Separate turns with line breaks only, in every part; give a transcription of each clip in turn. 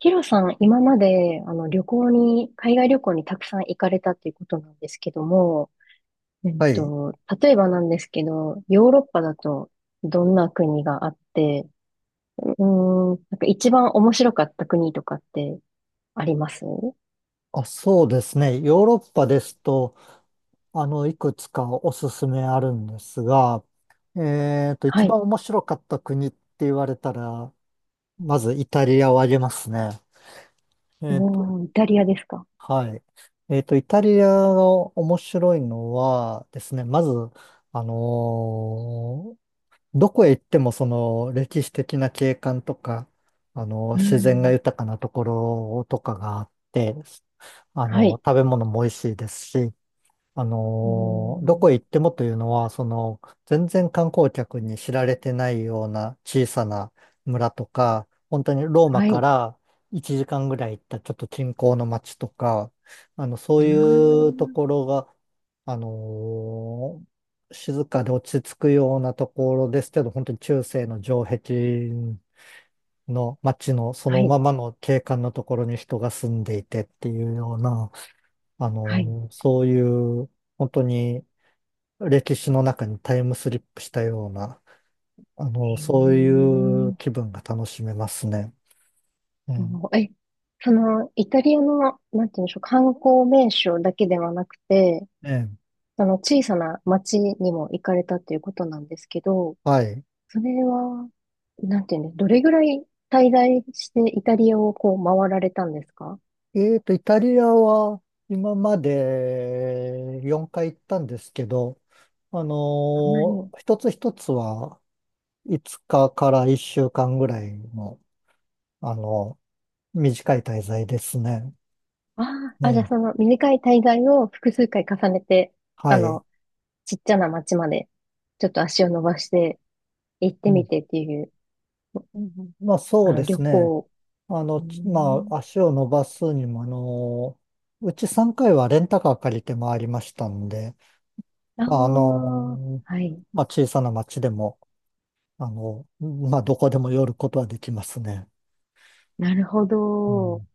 ヒロさん、今まで、旅行に、海外旅行にたくさん行かれたっていうことなんですけども、うん
はい。
と、例えばなんですけど、ヨーロッパだとどんな国があって、なんか一番面白かった国とかってあります？
あ、そうですね。ヨーロッパですと、いくつかおすすめあるんですが、
は
一
い。
番面白かった国って言われたら、まずイタリアを挙げますね。えっと、
おー、イタリアですか。
はい。イタリアが面白いのはですね、まず、あのーどこへ行ってもその歴史的な景観とか、
うー
自然が
ん、
豊かなところとかがあって、
はい。
食べ物も美味しいですし、
うー
どこへ
ん、
行ってもというのは、全然観光客に知られてないような小さな村とか、本当にローマ
はい。
か
う
ら1時間ぐらい行ったちょっと近郊の町とか、そう
ー
いうと
ん、
ころが、あのー静かで落ち着くようなところですけど、本当に中世の城壁の町のそ
は
の
い。
ままの景観のところに人が住んでいてっていうような、あ
はい。
のーそういう、本当に歴史の中にタイムスリップしたような、
へ
そういう
ー。
気分が楽しめますね。うん。
もうその、イタリアの、なんていうんでしょう、観光名所だけではなくて、
ええ。
その小さな町にも行かれたっていうことなんですけど、
はい。
それは、なんていうんです、どれぐらい滞在してイタリアをこう回られたんですか？
イタリアは今まで4回行ったんですけど、
あんなに。
一つ一つは5日か1週間ぐらいの、あの、短い滞在ですね。
ああ、あ、じゃあ
ね。
その短い滞在を複数回重ねて、あ
はい。
の、ちっちゃな町まで、ちょっと足を伸ばして行って
う
み
ん。
てっていう、
まあそうで
旅
すね。
行。うー
まあ、
ん。
足を伸ばすにも、うち3回はレンタカー借りて回りましたんで、
あ
まあ、
あ、はい。
まあ、小さな町でも、まあ、どこでも寄ることはできますね。
なるほ
う
ど。
ん、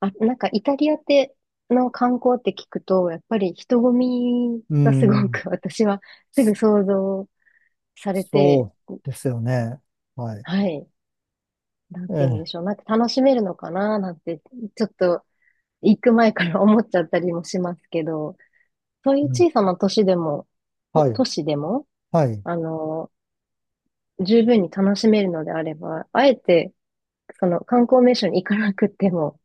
あ、なんかイタリアっての観光って聞くと、やっぱり人混み
う
がすご
ん
く 私はすぐ想像されて、
そうですよね。はい。
はい、なん
え
て言うんで
え、
しょう。なんか楽しめるのかななんて、ちょっと行く前から思っちゃったりもしますけど、そういう
うん、
小さな都市でも、と
はい、
都市でも、
はい。
あの、十分に楽しめるのであれば、あえて、その観光名所に行かなくても、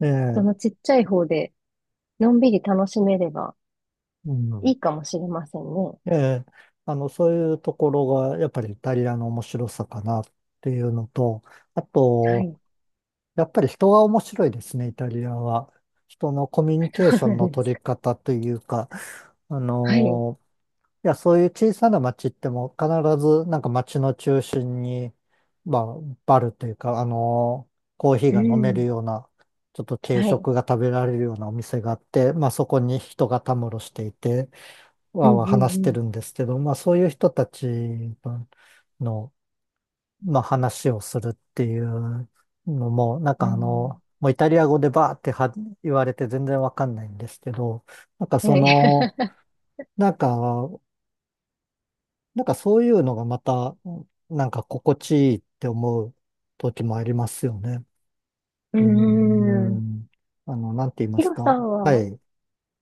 え
そ
え、
のちっちゃい方で、のんびり楽しめれば、
う
い
ん、
いかもしれませんね。
ええ、そういうところが、やっぱりイタリアの面白さかなっていうのと、あ
は
と、
い。
やっぱり人が面白いですね、イタリアは。人のコミュニケー
そ
ショ
う
ン
な
の
んです
取り
か。
方というか、あ
はい。
のいや、そういう小さな町っても必ずなんか町の中心に、まあ、バルというか、コーヒー
う
が飲める
ん。
ような、ちょっと軽
はい。
食が食べられるようなお店があって、まあそこに人がたむろしていて、
う
わー
んう
わー話して
ん
るんですけど、まあそういう人たちの、まあ話をするっていうのも、なん
う
か
ん。
もうイタリア語でバーっては言われて全然わかんないんですけど、なんか
うん。
そ
はい。
の、なんか、なんかそういうのがまた、なんか心地いいって思う時もありますよね。
うー
うー
ん。
ん。なんて言いま
ヒ
す
ロさ
か。
ん
は
は、
い。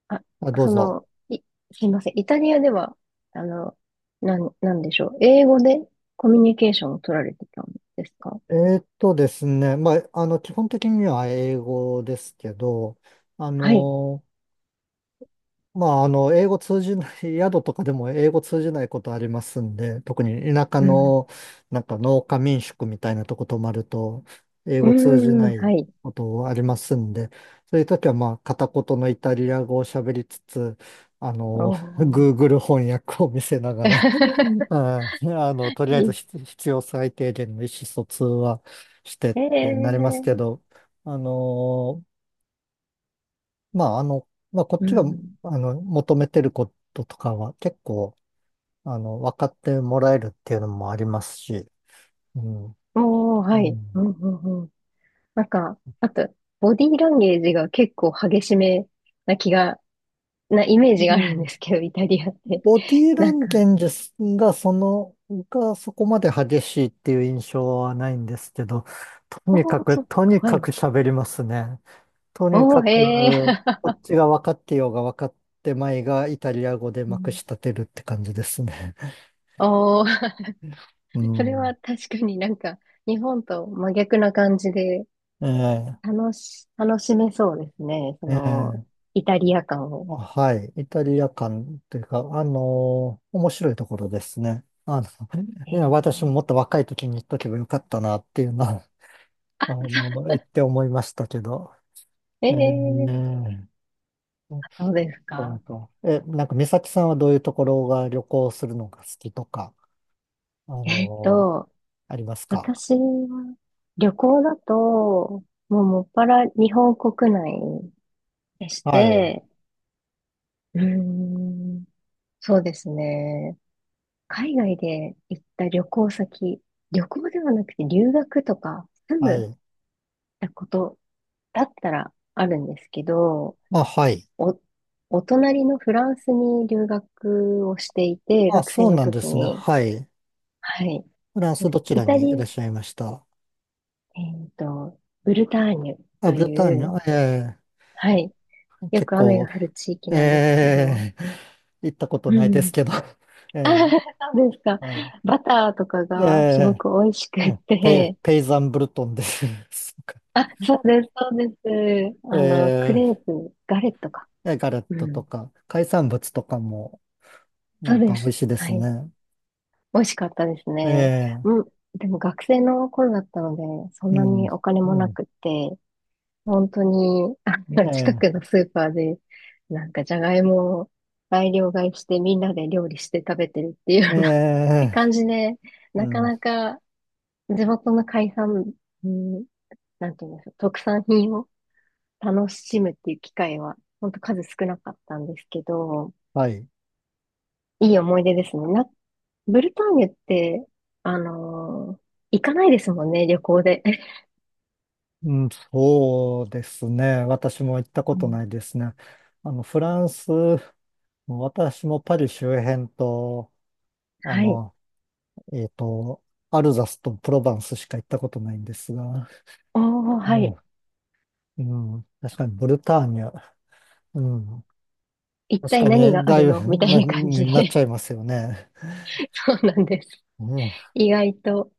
あ、
あ、どう
そ
ぞ。
の、い、すいません。イタリアでは、あの、なんでしょう。英語でコミュニケーションを取られてたんですか。
ですね。まあ、基本的には英語ですけど、あ
はい。
の、英語通じない、宿とかでも英語通じないことありますんで、特に田舎
うん。
の、なんか農家民宿みたいなとこ泊まると、英
う
語通じ
ー
な
ん。
い
はい。
ことありますんで、そういう時はまあ、片言のイタリア語を喋りつつ、あ
お
の、
ー。
Google 翻訳を見せながら
い
とりあえず
い。
必要最低限の意思疎通はしてっ
え
てなりますけ
え。
ど、あのまあ、あの、まあ、こっ
う
ちが、
ん。
求めてることとかは結構、分かってもらえるっていうのもありますし、うん。
おー、
う
はい。う
ん。
んうん。なんか、あと、ボディーランゲージが結構激しめな気が、なイメー
う
ジがあるんで
ん。
すけど、イタリアって。
ボディーラ
なん
ン
か、
ゲージが、そこまで激しいっていう印象はないんですけど、と
お
にか
ー、
く、
そうです
と
か、
に
は
か
い。
く喋りますね。とに
お
か
ー、へ
く、
ー。
こっちが分かってようが分かってまいが、イタリア語で
う
まくし
ん。
立てるって感じですね。
おー。
う
それ
ん。
は確かになんか、日本と真逆な感じで、
え
楽しめそうですね。そ
え、え
の、
え。
イタリア感を。
あはい。イタリア館というか、面白いところですね。
え
いや
ー、
私ももっと若い時に行っとけばよかったなっていうのは、言って思いましたけど。
え
え
ー、
ー、
そうです
な
か。
んか、なんか、美咲さんはどういうところが旅行するのが好きとか、あ
えっ
のー
と、
ありますか？
私は、旅行だと、もうもっぱら日本国内し
はい。
て、うーん、そうですね。海外で行った旅行ではなくて留学とか住
は
む
い。
ことだったらあるんですけど、
あ、はい。
お、お隣のフランスに留学をしていて、
あ、
学
そ
生
う
の
なんで
時
すね。
に、
はい。
はい。
フランスどち
イ
ら
タ
にい
リ
らっ
ア、
しゃいました？
えっと、ブルターニュ
あ、
と
ブルター
い
ニュ、
う、
ええ
はい。よ
結
く雨
構
が降る地域
え
なんですけど、
え 行ったこと
う
ないです
ん。
けど。え
あ、
え
そうですか。
はい。
バターとか
え
がすご
え
く美味しく
え
っ
え
て、
ペイザンブルトンです。そうか
あ、そうです、そうです。ク
え
レープ、ガレットか。
ええガレッ
う
トと
ん。
か、海産物とかもな
そう
ん
で
か美味
す。
しいで
は
す
い。
ね。
美味しかったですね。
え
う
え
ん。でも学生の頃だったので、そん
う
な
ん、
にお金も
う
な
ん、
くって、本当に、近
え
くのスーパーで、なんかじゃがいもを大量買いしてみんなで料理して食べてるっていうよ
え
うな
ええ
感じで、
う
なか
ん、
なか地元の海産、うん、なんていうんですか、特産品を楽しむっていう機会は、ほんと数少なかったんですけど、
はい。
いい思い出ですね。ブルターニュって、あのー行かないですもんね、旅行で。
うん、そうですね。私も行ったこ
う
とな
ん。
いですね。フランス、私もパリ周辺と、あ
はい。
の、えっと、アルザスとプロヴァンスしか行ったことないんですが、
おー、は
うん、
い。
うん、確かにブルターニュ、うん、
一
確
体
か
何
に
があ
だい
るの
ぶ
みた いな感じ
になっ
で。
ちゃいますよね。
そうなんです。
うん、
意外と、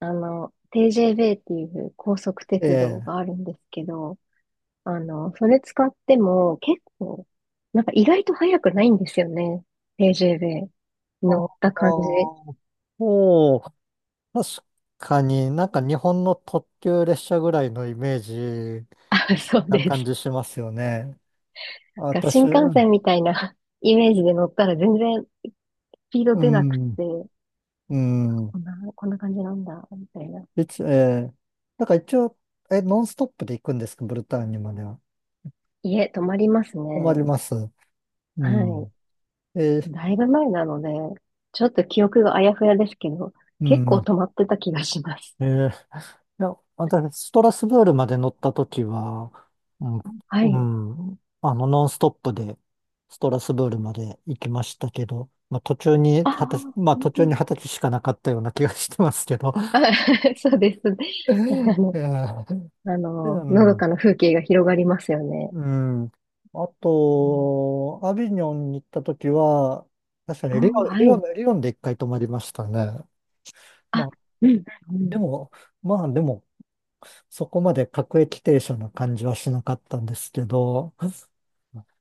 TJB っていう高速
え
鉄道
え。
があるんですけど、それ使っても結構、なんか意外と速くないんですよね。TJB。乗
あ
っ
あ、
た感じ。
おう、確かになんか日本の特急列車ぐらいのイメージ
あ、そう
な
で
感
す。
じしますよね。
が新
私、
幹
うん、
線みたいな イメージで乗ったら全然スピード
う
出なく
ん、
て、
うん
こんな感じなんだ、みたいな。
一、ええ、だから一応、ノンストップで行くんですか、ブルターニュまでは？
いえ、止まります
困り
ね。
ます。う
は
ん。え
い。
ー
だいぶ前なので、ちょっと記憶があやふやですけど、
う
結構
ん。
止まってた気がします。
えーいや、私、ストラスブールまで乗ったときは、うん、
は
う
い。
ん、ノンストップで、ストラスブールまで行きましたけど、まあ、
ああ、うん
途
う
中に
ん。
二十歳しかなかったような気がしてますけど。
あ、そうです。
え
あの、
ーう
のどか
ん、
な風景が広がりますよね。
うん。あ
うん。
と、アビニョンに行ったときは、確か
お
に
ー、はい。
リオンで一回泊まりましたね。ま
あ、
あ、
うん、う
で
ん。
も、まあ、でも、そこまで各駅停車の感じはしなかったんですけど、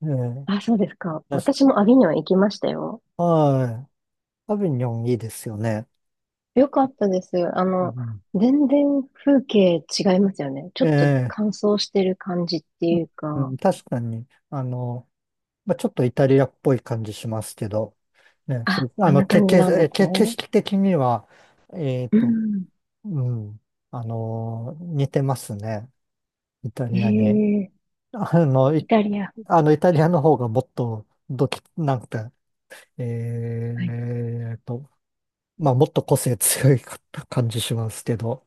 ええ、
あ、そうですか。
確か、
私もアビニョン行きましたよ。
はい。アビニョンいいですよね。
よかったです。
うん、
全然風景違いますよね。ちょ
え
っと
え、
乾燥してる感じっていう
う
か、
ん、確かに、まあ、ちょっとイタリアっぽい感じしますけど、ね、
あ、
ふあ
あん
の、
な
け、
感
け、
じなんで
え
す
け、景
ね。
色的には、えっ
う
と、
ん。
うん、似てますね、イタリアに。
ええ。
あの、い、
イタリア。
あの、イタリアの方がもっと、どき、なんか、
はい。
えっと、まあ、もっと個性強いかった感じしますけど。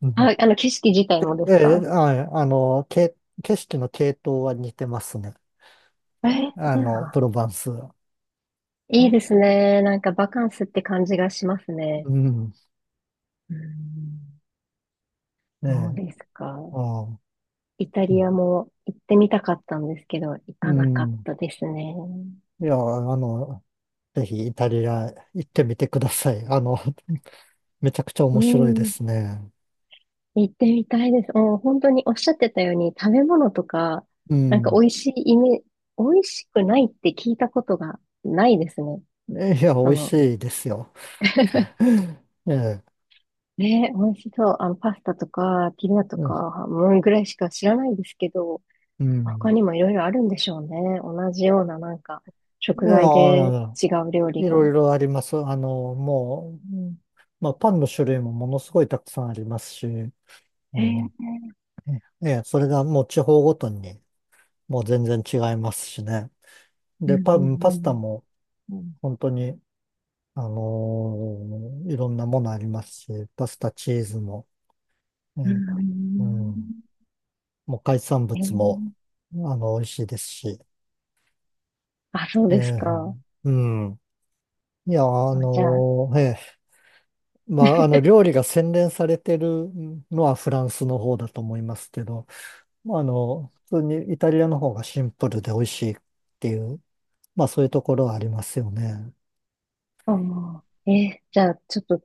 うん、
あ、景色自体もで
え
す
え、
か？
はい、景色の系統は似てますね。
ええ。
プロヴァンス。
いいですね。なんかバカンスって感じがしますね。
うん、
うん。
え
そう
え、
ですか。
ああ、
イタ
う
リア
ん、
も行ってみたかったんですけど、行
う
かなかっ
ん
たですね。
いや、あの、ぜひイタリア行ってみてください。めちゃくちゃ
う
面白いで
ん。
すね。
行ってみたいです。もう本当におっしゃってたように食べ物とか、
う
なんか
ん。
美味しくないって聞いたことがないですね。
いや、美
そ
味
の、
しいですよ。ええ、
ね、美味しそう。パスタとか、ピザと
うん。
か、もうぐらいしか知らないですけど、
う
他
ん
にもいろいろあるんでしょうね。同じようななんか、
い
食材で
や、
違う料理
いろ
が。
いろあります。もう、うんまあ、パンの種類もものすごいたくさんありますし、う
え
ん、
ー、
ええ、それがもう地方ごとにもう全然違いますしね。
う
で、
ん
パ
う
ン、パスタ
ん
もうん本当に、いろんなものありますし、パスタ、チーズも、
うん。
ね、
う
うん、
ん
もう海産
え
物も、
ー、
美味しいですし、
あ、そう
え
です
え、
か。
うん。いや、
あじゃあ、
まあ、料理が洗練されてるのはフランスの方だと思いますけど、まあ、普通にイタリアの方がシンプルで美味しいっていう、まあ、そういうところはありますよね。
あ、もうじゃあ、ちょっと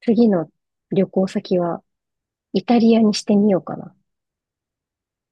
次の旅行先はイタリアにしてみようかな。